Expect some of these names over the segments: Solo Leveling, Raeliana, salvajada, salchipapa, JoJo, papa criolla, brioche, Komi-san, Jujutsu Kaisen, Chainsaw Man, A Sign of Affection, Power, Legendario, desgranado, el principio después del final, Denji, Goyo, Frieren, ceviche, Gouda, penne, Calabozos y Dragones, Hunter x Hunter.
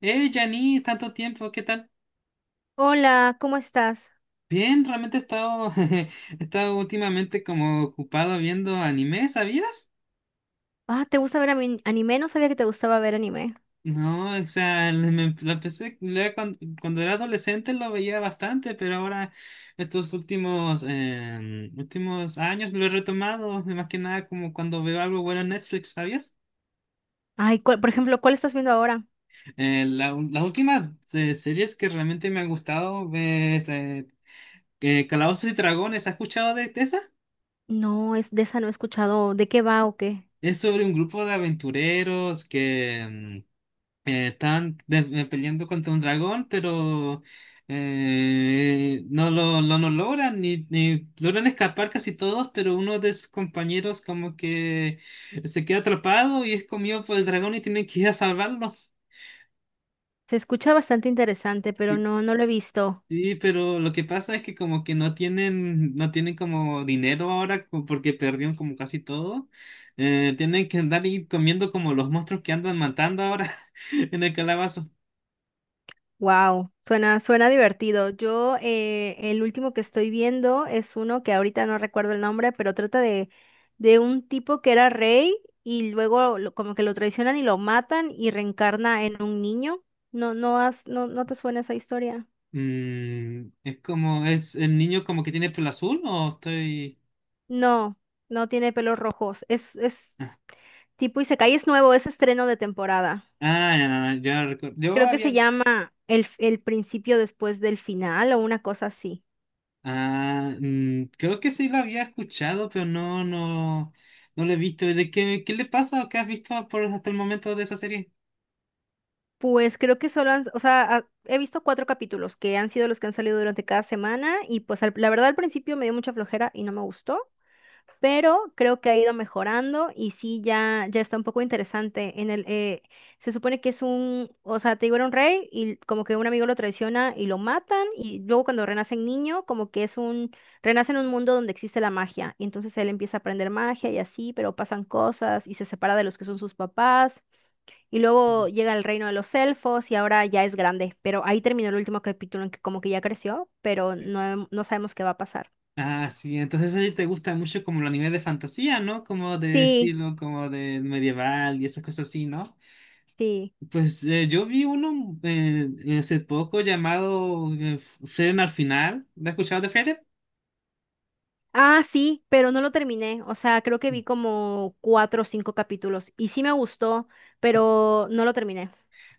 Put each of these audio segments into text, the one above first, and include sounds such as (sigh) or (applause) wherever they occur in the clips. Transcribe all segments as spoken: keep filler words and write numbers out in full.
Hey, Jani, tanto tiempo, ¿qué tal? Hola, ¿cómo estás? Bien, realmente he estado, (laughs) he estado últimamente como ocupado viendo anime, ¿sabías? Ah, ¿te gusta ver ami- anime? No sabía que te gustaba ver anime. No, o sea, le- me- lo empecé, le- cuando, cuando era adolescente lo veía bastante, pero ahora estos últimos, eh, últimos años lo he retomado, más que nada como cuando veo algo bueno en Netflix, ¿sabías? Ay, ¿cuál- por ejemplo, ¿cuál estás viendo ahora? Eh, la, ul- la última eh, series que realmente me ha gustado es eh, eh, Calabozos y Dragones, ¿has escuchado de, de esa? No, es de esa no he escuchado. ¿De qué va o qué? Es sobre un grupo de aventureros que mm, eh, están de- eh, peleando contra un dragón, pero eh, no lo, lo- no logran, ni, ni logran escapar casi todos, pero uno de sus compañeros como que se queda atrapado y es comido por el dragón y tienen que ir a salvarlo. Se escucha bastante interesante, pero Sí. no, no lo he visto. Sí, pero lo que pasa es que como que no tienen, no tienen como dinero ahora co- porque perdieron como casi todo. Eh, tienen que andar y comiendo como los monstruos que andan matando ahora (laughs) en el calabazo. Wow, suena, suena divertido. Yo, eh, el último que estoy viendo es uno que ahorita no recuerdo el nombre, pero trata de, de un tipo que era rey y luego lo- como que lo traicionan y lo matan y reencarna en un niño. No, no has, no, no te suena esa historia. Mm, es como, es el niño como que tiene pelo azul o estoy... No, no tiene pelos rojos. Es, es tipo Isekai, es nuevo, es estreno de temporada. Ah, ya, ya, ya recuerdo. Yo Creo que se había... llama el, el principio después del final o una cosa así. Ah, mm, creo que sí lo había escuchado, pero no, no, no lo he visto. ¿De qué, qué le pasa o qué has visto por hasta el momento de esa serie? Pues creo que solo han, o sea, ha- he visto cuatro capítulos que han sido los que han salido durante cada semana y pues al- la verdad al principio me dio mucha flojera y no me gustó, pero creo que ha ido mejorando y sí, ya, ya está un poco interesante. En el, eh, se supone que es un, o sea, te digo, era un rey y como que un amigo lo traiciona y lo matan y luego cuando renacen niño, como que es un, renace en un mundo donde existe la magia y entonces él empieza a aprender magia y así, pero pasan cosas y se separa de los que son sus papás y luego llega al reino de los elfos y ahora ya es grande, pero ahí terminó el último capítulo en que como que ya creció, pero no, no sabemos qué va a pasar. Ah, sí, entonces a ti te gusta mucho como el anime de fantasía, ¿no? Como de Sí, estilo, como de medieval y esas cosas así, ¿no? sí. Pues eh, yo vi uno eh, hace poco llamado eh, F- Frieren al final. ¿Lo has escuchado de Frieren? Ah, sí, pero no lo terminé. O sea, creo que vi como cuatro o cinco capítulos y sí me gustó, pero no lo terminé.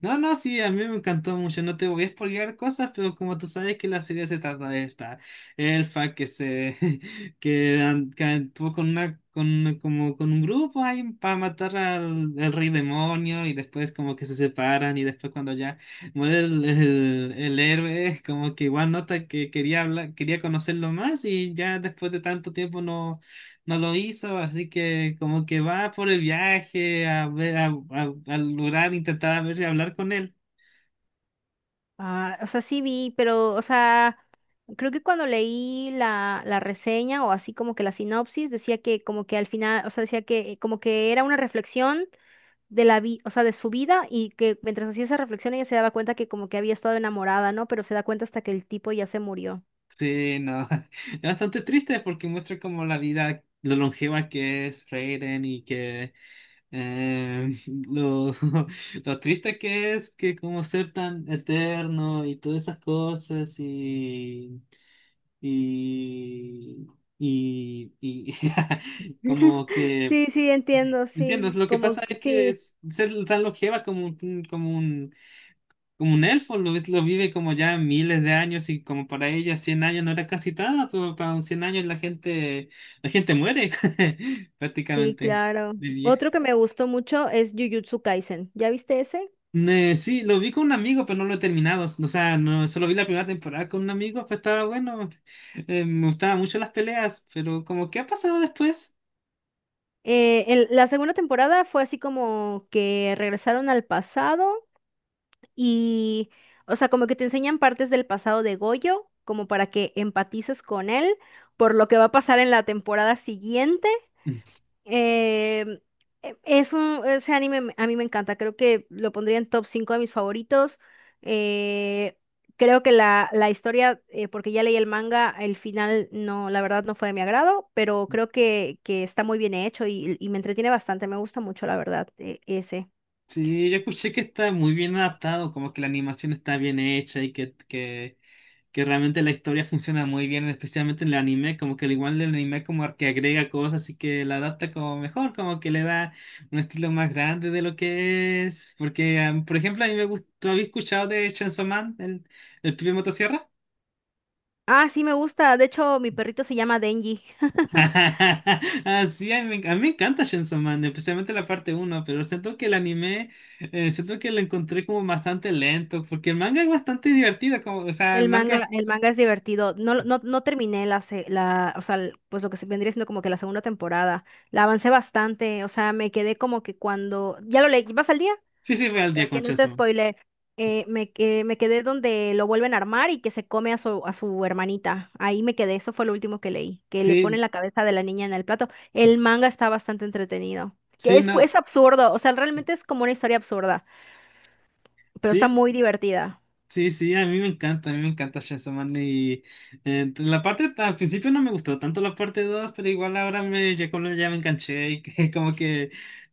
No, no, sí, a mí me encantó mucho. No te voy a spoilear cosas, pero como tú sabes que la serie se trata de esta elfa que se (laughs) que, an- que actuó con una con una- como con un grupo ahí para matar al, al rey demonio y después como que se separan y después cuando ya muere el, el, el héroe (laughs) como que igual nota que quería hablar, quería conocerlo más y ya después de tanto tiempo no, no lo hizo, así que como que va por el viaje a ver, a, a- al lugar, intentar a ver si hablar con él. Ah, o sea, sí vi, pero, o sea, creo que cuando leí la, la reseña o así como que la sinopsis, decía que como que al final, o sea, decía que como que era una reflexión de la vida, o sea, de su vida y que mientras hacía esa reflexión ella se daba cuenta que como que había estado enamorada, ¿no? Pero se da cuenta hasta que el tipo ya se murió. Sí, no, (laughs) es bastante triste porque muestra como la vida, lo longeva que es Freyren y que eh, lo, (laughs) lo triste que es que como ser tan eterno y todas esas cosas y, y, y, y (laughs) como que... Sí, sí, entiendo, Entiendo, sí, lo que como pasa que es que sí. es- ser tan longeva como un, como un, como un elfo, lo, es- lo vive como ya miles de años y como para ella cien años no era casi nada, pero para un cien años la gente, la gente muere (laughs) Sí, prácticamente claro. de vieja. Otro que me gustó mucho es Jujutsu Kaisen. ¿Ya viste ese? Eh, sí, lo vi con un amigo, pero no lo he terminado, o sea, no, solo vi la primera temporada con un amigo, pues estaba bueno. Eh, me gustaban mucho las peleas, pero como, ¿qué ha pasado después? Eh, el- la segunda temporada fue así como que regresaron al pasado y, o sea, como que te enseñan partes del pasado de Goyo, como para que empatices con él por lo que va a pasar en la temporada siguiente. Eh, e- es un, ese anime me- a mí me encanta, creo que lo pondría en top cinco de mis favoritos. Eh, creo que la, la historia, eh, porque ya leí el manga, el final no, la verdad no fue de mi agrado, pero creo que, que está muy bien hecho y, y me entretiene bastante, me gusta mucho, la verdad, e- ese. Sí, yo escuché que está muy bien adaptado, como que la animación está bien hecha y que, que, que realmente la historia funciona muy bien, especialmente en el anime, como que al igual del anime como que agrega cosas y que la adapta como mejor, como que le da un estilo más grande de lo que es. Porque, ah, por ejemplo, a mí me gustó, ¿habéis escuchado de Chainsaw Man, el, el pibe motosierra? Ah, sí, me gusta, de hecho mi perrito se llama Denji. (laughs) (laughs) Ah, sí, a mí, me enc- a mí me encanta Chainsaw Man, especialmente la parte uno, pero siento que el anime, eh, siento que lo encontré como bastante lento, porque el manga es bastante divertido, como, o sea, el El manga, manga, el manga es divertido. No, no, no terminé la, se- la, o sea, l- pues lo que se vendría siendo como que la segunda temporada. La avancé bastante, o sea, me quedé como que cuando, ya lo leí, ¿vas al día? sí, sí, voy al día Para que con no te Chainsaw Man. spoile, eh, me, que- me quedé donde lo vuelven a armar y que se come a su, a su hermanita. Ahí me quedé, eso fue lo último que leí, que le ponen Sí, la cabeza de la niña en el plato. El manga está bastante entretenido, que sí, es, no, pues, absurdo, o sea, realmente es como una historia absurda, pero está sí, muy divertida. sí, sí, a mí me encanta, a mí me encanta Chainsaw Man y eh, la parte, al principio no me gustó tanto la parte dos, pero igual ahora me, ya, como- ya me enganché y que (laughs) como que,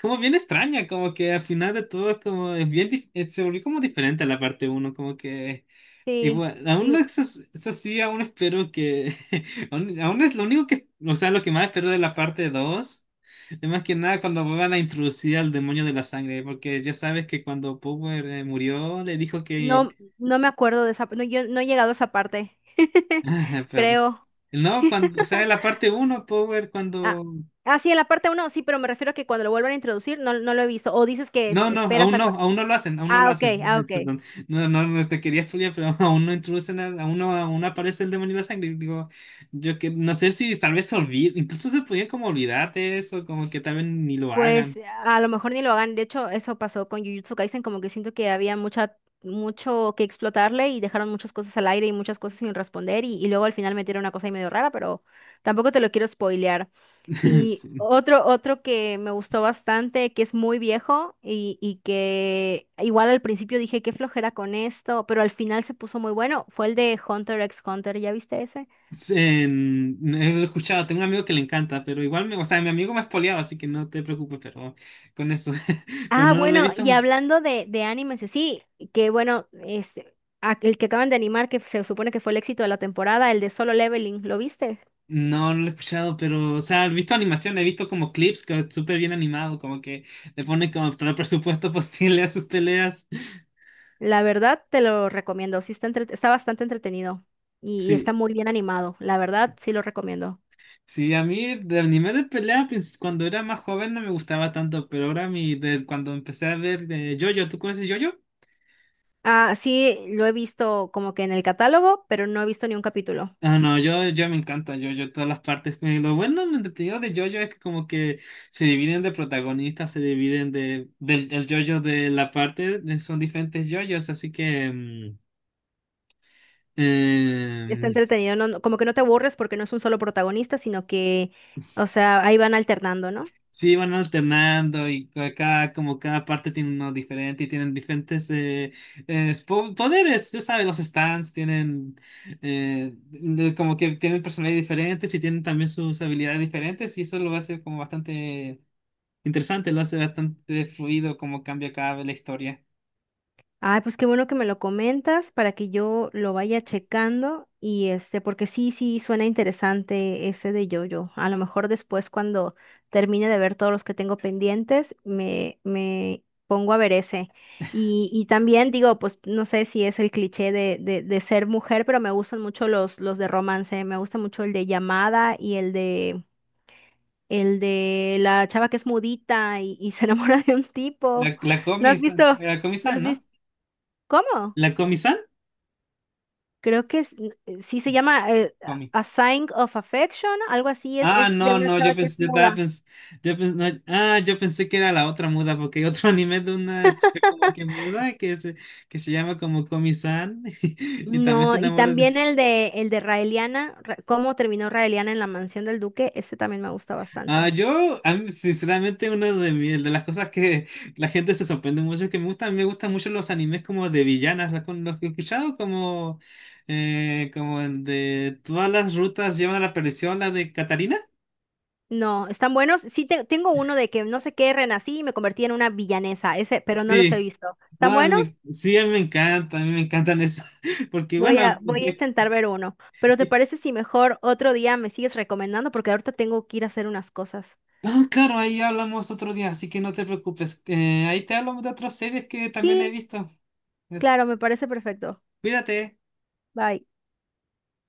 como bien extraña, como que al final de todo es como, es bien, dif- eh, se volvió como diferente a la parte uno, como que, Sí. igual, aún no- eso, es- eso sí, aún espero que, (laughs) aún, aún es lo único que, o sea, lo que más espero de la parte dos. Es más que nada cuando van a introducir al demonio de la sangre, porque ya sabes que cuando Power eh, murió, le dijo que No, no me acuerdo de esa, no, yo no he llegado a esa parte, (laughs) (laughs) ajá. Pero- creo. no, cuando, o sea, la parte uno, Power, Ah, cuando... ah, sí, en la parte uno, sí, pero me refiero a que cuando lo vuelvan a introducir no, no lo he visto. O dices que es- No, no, esperas aún a... no, cu- aún no lo hacen, aún no lo Ah, ok, hacen. ah, Eh, ok. Perdón, no, no, no te quería spoilear, pero (laughs) aún no introducen, al- aún no, aún no aparece el demonio de la sangre. Digo, yo que no sé si tal vez se olvide, incluso se podía como olvidar de eso, como que tal vez ni lo Pues hagan. a lo mejor ni lo hagan. De hecho, eso pasó con Jujutsu Kaisen, como que siento que había mucha, mucho que explotarle y dejaron muchas cosas al aire y muchas cosas sin responder y, y luego al final metieron una cosa ahí medio rara, pero tampoco te lo quiero spoilear. (laughs) Y Sí. otro, otro que me gustó bastante, que es muy viejo y, y que igual al principio dije qué flojera con esto, pero al final se puso muy bueno, fue el de Hunter x Hunter, ¿ya viste ese? Sí, en- he escuchado, tengo un amigo que le encanta, pero igual, me, o sea, mi amigo me ha spoileado, así que no te preocupes, pero con eso, (laughs) pero Ah, no, no lo he bueno, visto. y hablando de, de animes, y sí, que bueno, este, a- el que acaban de animar, que se supone que fue el éxito de la temporada, el de Solo Leveling, ¿lo viste? No, no lo he escuchado, pero, o sea, he visto animación, he visto como clips que es súper bien animado, como que le ponen como todo el presupuesto (laughs) posible a sus peleas. La verdad te lo recomiendo, sí está, entre- está bastante entretenido y y está Sí, muy bien animado, la verdad sí lo recomiendo. sí, a mí de anime de pelea pues, cuando era más joven no me gustaba tanto, pero ahora mi, de, cuando empecé a ver de JoJo, ¿tú conoces JoJo? Ah, sí, lo he visto como que en el catálogo, pero no he visto ni un capítulo. Ah, no, yo, yo me encanta JoJo, todas las partes. Me- lo bueno, lo entretenido de JoJo es que como que se dividen de protagonistas, se dividen de, del el JoJo de la parte, de- son diferentes JoJos, así que... mm, Está em, entretenido, no, no- como que no te aburres porque no es un solo protagonista, sino que, o sea, ahí van alternando, ¿no? sí, van alternando y ca- cada, como cada parte tiene uno diferente y tienen diferentes eh, eh, po- poderes, tú sabes, los stands tienen eh, de- como que tienen personalidades diferentes y tienen también sus habilidades diferentes y eso lo hace como bastante interesante, lo hace bastante fluido como cambia cada vez la historia. Ay, pues qué bueno que me lo comentas para que yo lo vaya checando y este, porque sí, sí, suena interesante ese de yo-yo. A lo mejor después cuando termine de ver todos los que tengo pendientes, me, me pongo a ver ese. Y, y también digo, pues no sé si es el cliché de, de, de ser mujer, pero me gustan mucho los, los de romance. Me gusta mucho el de llamada y el de, el de la chava que es mudita y, y se (laughs) enamora de un La, tipo. la ¿No has Comi-san, visto? la ¿No Comi-san, has ¿no? visto? ¿Cómo? La Comi-san, Creo que es- eh, sí se llama eh, Comi. A Sign of Affection, algo así, es, Ah, es de no, una no, yo chava que es pensé, yo muda. estaba pens- yo pens- no, ah, yo pensé que era la otra muda, porque hay otro (laughs) anime de una chica como que muda que se, que se llama como Komi-san (laughs) y también se No, y enamora de... también el de el de Raeliana, Ra- cómo terminó Raeliana en la mansión del duque, ese también me gusta Ah, bastante. yo, a mí, sinceramente, una de, mi- de las cosas que la gente se sorprende mucho que me gustan, me gustan mucho los animes como de villanas, los, con los que he escuchado como, eh, como el de todas las rutas llevan a la perdición, la de Catarina. No, están buenos. Sí, te- tengo uno de que no sé qué, renací y me convertí en una villanesa, ese, pero no los he Sí, visto. no, ¿Están a buenos? mí sí, a mí me encanta, a mí me encantan eso, (laughs) porque Voy a, bueno, voy a (laughs) intentar ver uno. Pero ¿te parece si mejor otro día me sigues recomendando? Porque ahorita tengo que ir a hacer unas cosas. ah, claro, ahí hablamos otro día, así que no te preocupes, eh, ahí te hablamos de otras series que también he Sí, visto. Eso. claro, me parece perfecto. Cuídate. Bye.